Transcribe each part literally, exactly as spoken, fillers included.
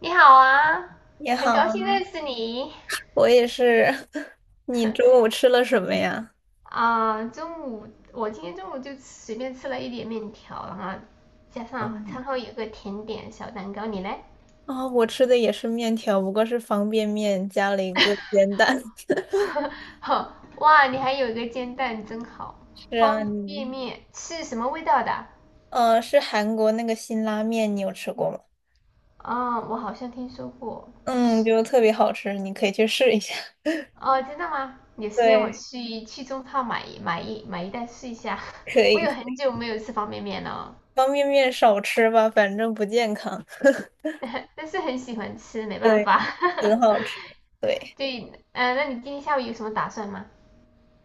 你好啊，你很好，高兴认识你。我也是。你中午吃了什么呀？啊、中午我今天中午就随便吃了一点面条，然后加上嗯。餐后有个甜点小蛋糕，你嘞？哦，我吃的也是面条，不过是方便面加了一个煎蛋。呵，哇，你还有一个煎蛋，真好。是啊，方便你，面是什么味道的？呃，是韩国那个辛拉面，你有吃过吗？啊、我好像听说过，就嗯，是就特别好吃，你可以去试一下。哦，真的吗？有 时间我对，去去中超买一买一买一袋试一下。可 我以有可很以，久没有吃方便面了，方便面少吃吧，反正不健康。但是很喜欢吃，没办对，法。很 好吃。对。对，呃，那你今天下午有什么打算吗？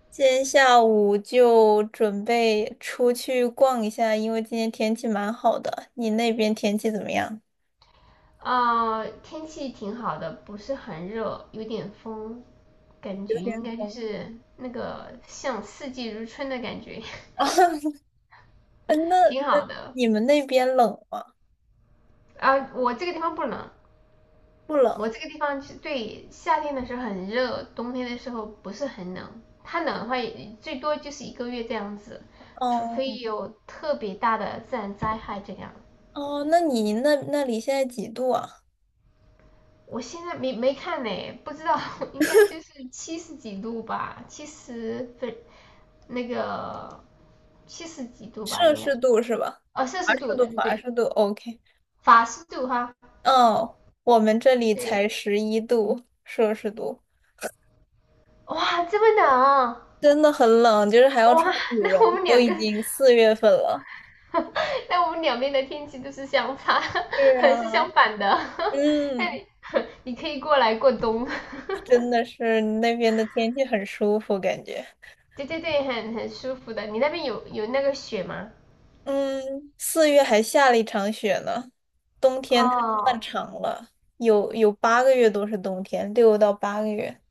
今天下午就准备出去逛一下，因为今天天气蛮好的。你那边天气怎么样？呃，天气挺好的，不是很热，有点风，感有觉点 应该就 是那个像四季如春的感觉，啊，那挺好那的。你们那边冷吗？啊，我这个地方不冷，不我冷。这个地方就是对夏天的时候很热，冬天的时候不是很冷。它冷的话，也最多就是一个月这样子，除非哦有特别大的自然灾害这样。哦，那你那那里现在几度啊？我现在没没看呢，不知道，应该就是七十几度吧，七十分那个七十几度吧，摄应该氏度是吧？哦摄华氏度，氏度，对对华对，氏度，OK。法氏度哈，哦，我们这里对，才十一度摄氏度。哇，这么冷啊真的很冷，就是还要穿哇，羽那我绒，们都两已个，经四月份了。那我们两边的天气都是相差，是 是相啊，反的，嗯。你可以过来过冬，真的是那边的天气很舒服，感觉。对对对，很很舒服的，你那边有有那个雪吗？嗯，四月还下了一场雪呢。冬天太漫哦，长了，有有八个月都是冬天，六到八个月。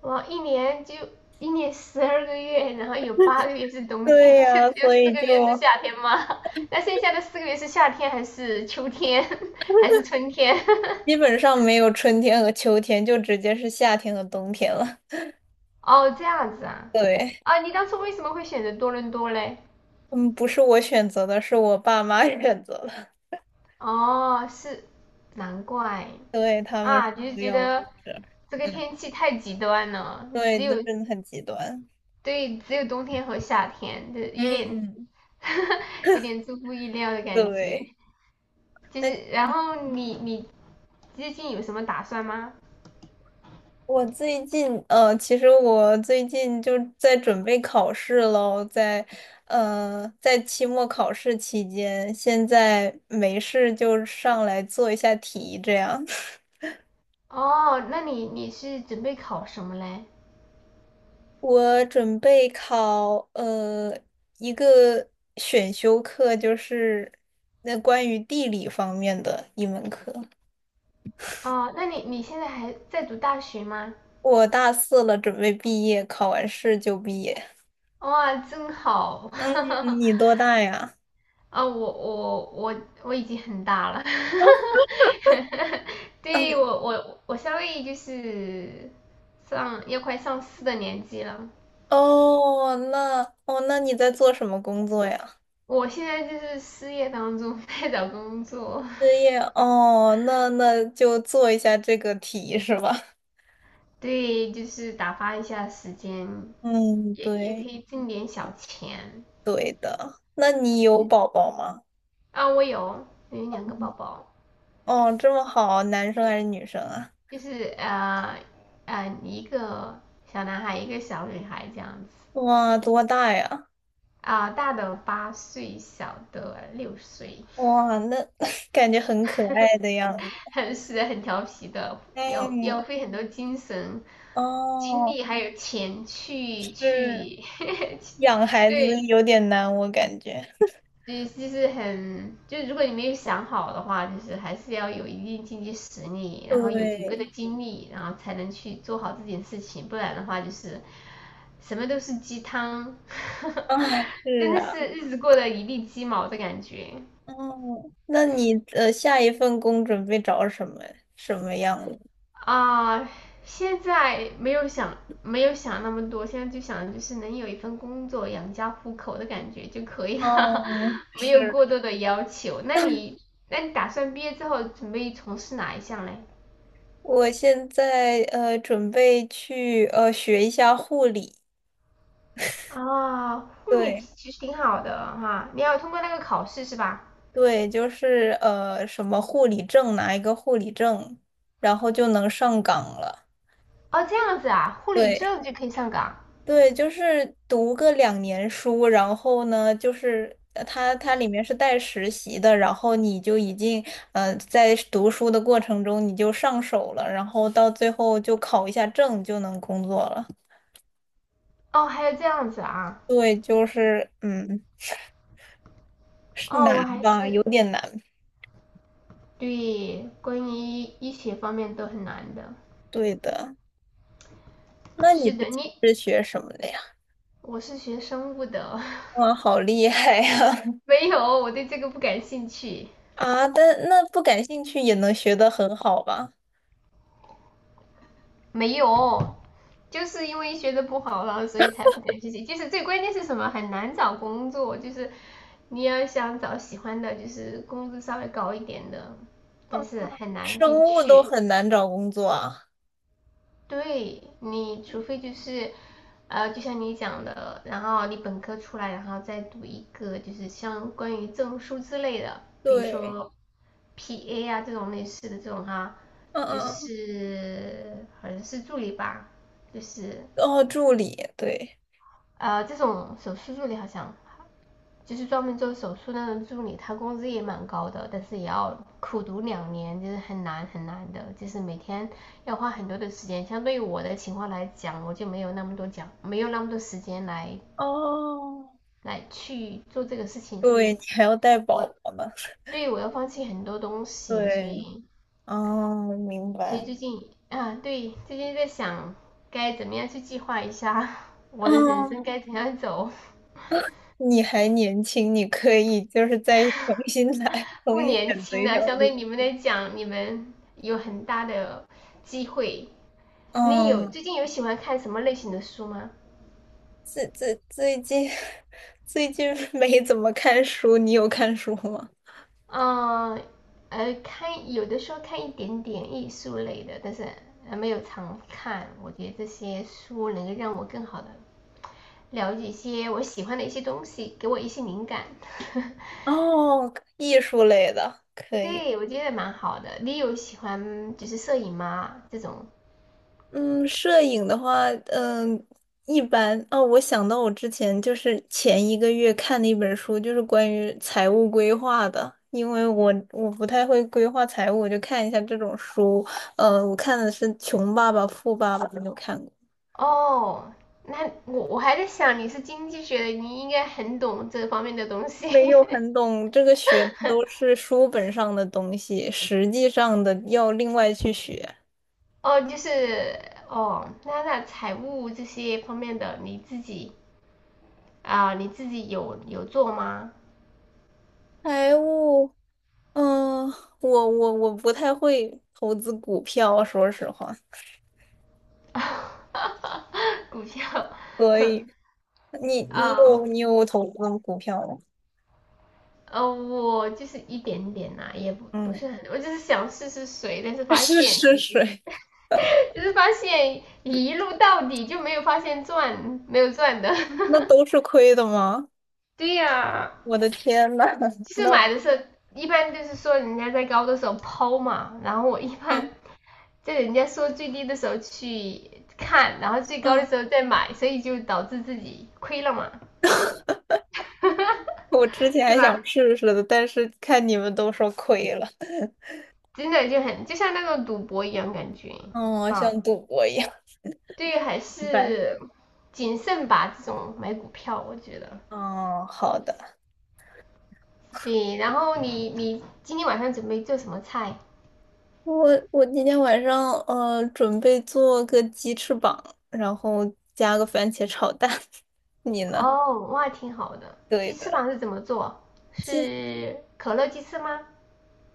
我一年就一年十二个月，然后有八个月是冬天，对 就呀，只有所四以个就月是夏天嘛。那剩下的四个月是夏天还是秋天 还是春天？基本上没有春天和秋天，就直接是夏天和冬天了。哦，这样子啊。对，啊，你当初为什么会选择多伦多嘞？嗯，不是我选择的，是我爸妈 选择的。哦，是，难怪对，他们说啊，就是不觉要我得在这儿。这个嗯，天气太极端了，对，只那有真的很极端。对，只有冬天和夏天，就有点 嗯，有点出乎意料的感觉。对。就那。是，然后你你最近有什么打算吗？我最近，呃，其实我最近就在准备考试喽。在，呃，在期末考试期间，现在没事就上来做一下题，这样。哦，那你你是准备考什么嘞？我准备考，呃，一个选修课，就是那关于地理方面的一门课。哦，那你你现在还在读大学吗？我大四了，准备毕业，考完试就毕业。哇，真好！嗯，你多大呀？啊、我我我我已经很大了，对我 我我稍微就是上要快上四的年纪了，哦，那哦，那你在做什么工作呀？我现在就是失业当中在找工作，失业哦，那那就做一下这个题是吧？对，就是打发一下时间，嗯，也也可对以挣点小钱。对。那你有宝宝吗？啊，我有有两个宝宝，哦，这么好，男生还是女生啊？就是呃呃一个小男孩，一个小女孩这样子。哇，多大呀？啊、呃大的八岁，小的六岁，哇，那 感觉很可爱的样子。很是很调皮的，要要嗯，费很多精神、精哦，力还有钱去是去，养 孩子对，有点难，我感觉。对，就是很，就如果你没有想好的话，就是还是要有一定经济实力，然后有足够的对，精力，然后才能去做好这件事情，不然的话就是什么都是鸡汤，哎，是真的是啊。日子过得一地鸡毛的感觉。哦，那你呃下一份工准备找什么什么样的？啊、呃现在没有想没有想那么多，现在就想就是能有一份工作养家糊口的感觉就可以了，嗯，没有是，过多的要求。那你那你打算毕业之后准备从事哪一项嘞？我现在呃准备去呃学一下护理。啊，护理对其实挺好的哈，你要通过那个考试是吧？对，就是呃什么护理证，拿一个护理证，然后就能上岗了。哦，这样子啊，护理对。证就可以上岗。对，就是读个两年书，然后呢，就是呃它它里面是带实习的，然后你就已经嗯在读书的过程中你就上手了，然后到最后就考一下证就能工作了。哦，还有这样子啊，对，就是嗯，是哦，难我还吧，有是点难。对关于医学方面都很难的。对的，那你是之的，你前是学什么的呀？我是学生物的，哇，好厉害呀！没有，我对这个不感兴趣。啊，但那不感兴趣也能学得很好吧？没有，就是因为学的不好了，所以才不感兴趣。就是最关键是什么？很难找工作，就是你要想找喜欢的，就是工资稍微高一点的，哦，但是很难生进物都去。很难找工作啊。对，你除非就是，呃，就像你讲的，然后你本科出来，然后再读一个就是相关于证书之类的，比如对，说 P A 啊这种类似的这种哈，嗯就嗯。嗯，是好像是助理吧，就是哦，助理，对，呃这种手术助理好像就是专门做手术那种助理，他工资也蛮高的，但是也要苦读两年，就是很难很难的，就是每天要花很多的时间。相对于我的情况来讲，我就没有那么多讲，没有那么多时间来哦，来去做这个事情，所对，以你还要带我宝宝呢。对于我要放弃很多东西，所对，以哦，明所以白。最近，啊，对，最近在想该怎么样去计划一下我的人生嗯，该怎样走。你还年轻，你可以就是再重新来，重不新年选择轻一条了，相路。对你们来讲，你们有很大的机会。你有嗯，最近有喜欢看什么类型的书吗？最最最近 最近没怎么看书，你有看书吗？嗯，呃，看有的时候看一点点艺术类的，但是呃没有常看。我觉得这些书能够让我更好的了解一些我喜欢的一些东西，给我一些灵感。哦，艺术类的，可以。对，我觉得蛮好的。你有喜欢就是摄影吗？这种嗯，摄影的话，嗯，一般。哦，我想到我之前就是前一个月看的一本书，就是关于财务规划的。因为我我不太会规划财务，我就看一下这种书。呃，我看的是《穷爸爸富爸爸》，没有看过。哦，那我我还在想你是经济学的，你应该很懂这方面的东西。没有 很懂，这个学的都是书本上的东西，实际上的要另外去学。哦，就是哦，那那财务这些方面的你自己啊、你自己有有做吗？财务，嗯、我我我不太会投资股票，说实话。股票，所以。你 你啊、有你有投资股票吗？呃，我就是一点点啦、也不不嗯，是很，我就是想试试水，但是 发试现试水，就是发现一路到底就没有发现赚，没有赚的。那都是亏的吗？对呀、啊我的天呐，其 实那买我的时候一般就是说人家在高的时候抛嘛，然后我一般嗯在人家说最低的时候去看，然后最高的嗯，时候再买，所以就导致自己亏了嘛，我之前是还想吧？试试的，但是看你们都说亏了。真的就很就像那种赌博一样感觉，嗯，我像哈。赌博一样。对于还明白。是谨慎吧，这种买股票我觉得。嗯，好的。对，然后你你今天晚上准备做什么菜？我我今天晚上呃准备做个鸡翅膀，然后加个番茄炒蛋。你呢？哦，哇，挺好的。对鸡翅的。膀是怎么做？是可乐鸡翅吗？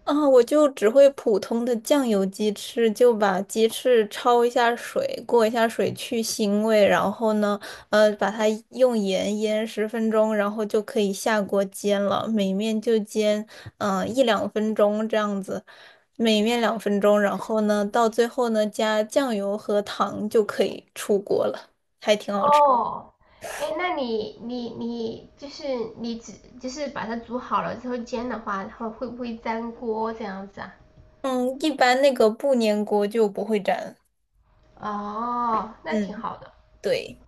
啊，我就只会普通的酱油鸡翅，就把鸡翅焯一下水，过一下水去腥味，然后呢，呃，把它用盐腌十分钟，然后就可以下锅煎了。每面就煎，嗯、一两分钟这样子，每面两分钟，然后呢，到最后呢，加酱油和糖就可以出锅了。哦，哎，那你你你就是你只就是把它煮好了之后煎的话，它会不会粘锅这样子啊？嗯，一般那个不粘锅就不会粘。哦，那挺嗯，好的。对，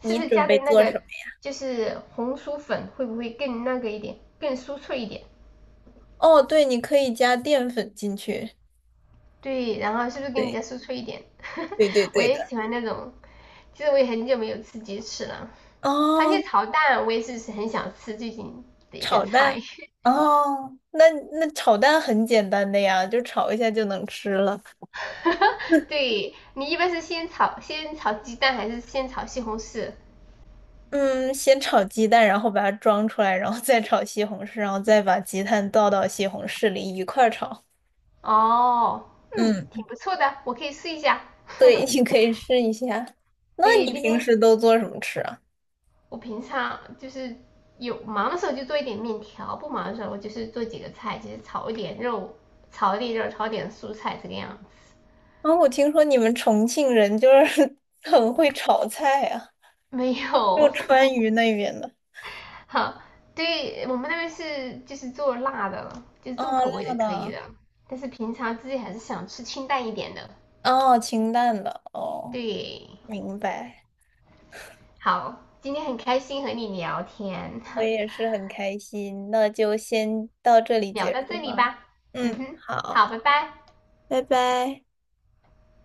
是你不是准加备点那做什个么？就是红薯粉会不会更那个一点，更酥脆一点？哦，对，你可以加淀粉进去。对，然后是不是更加酥对脆一点？对对 我对也的。喜欢那种，其实我也很久没有吃鸡翅了。番哦，茄炒蛋我也是是很想吃最近的一个炒菜。蛋。哦，那那炒蛋很简单的呀，就炒一下就能吃了。对，你一般是先炒先炒鸡蛋还是先炒西红柿？嗯，先炒鸡蛋，然后把它装出来，然后再炒西红柿，然后再把鸡蛋倒到西红柿里一块儿炒。哦，嗯，挺嗯，不错的，我可以试一下。对，你可以试一下。那对，你今平天时都做什么吃啊？我平常就是有忙的时候就做一点面条，不忙的时候我就是做几个菜，就是炒一点肉，炒一点肉，炒一点蔬菜这个样子。啊，我听说你们重庆人就是 很会炒菜啊，没就川有，渝那边的。好，对我们那边是就是做辣的，就是哦，重口味辣的可以的，的，但是平常自己还是想吃清淡一点的。哦，清淡的，哦，对，明白，好，今天很开心和你聊天，我也是很开心，那就先到这 里聊结到束这里吧。吧。嗯嗯，哼，好，好，拜拜。拜拜。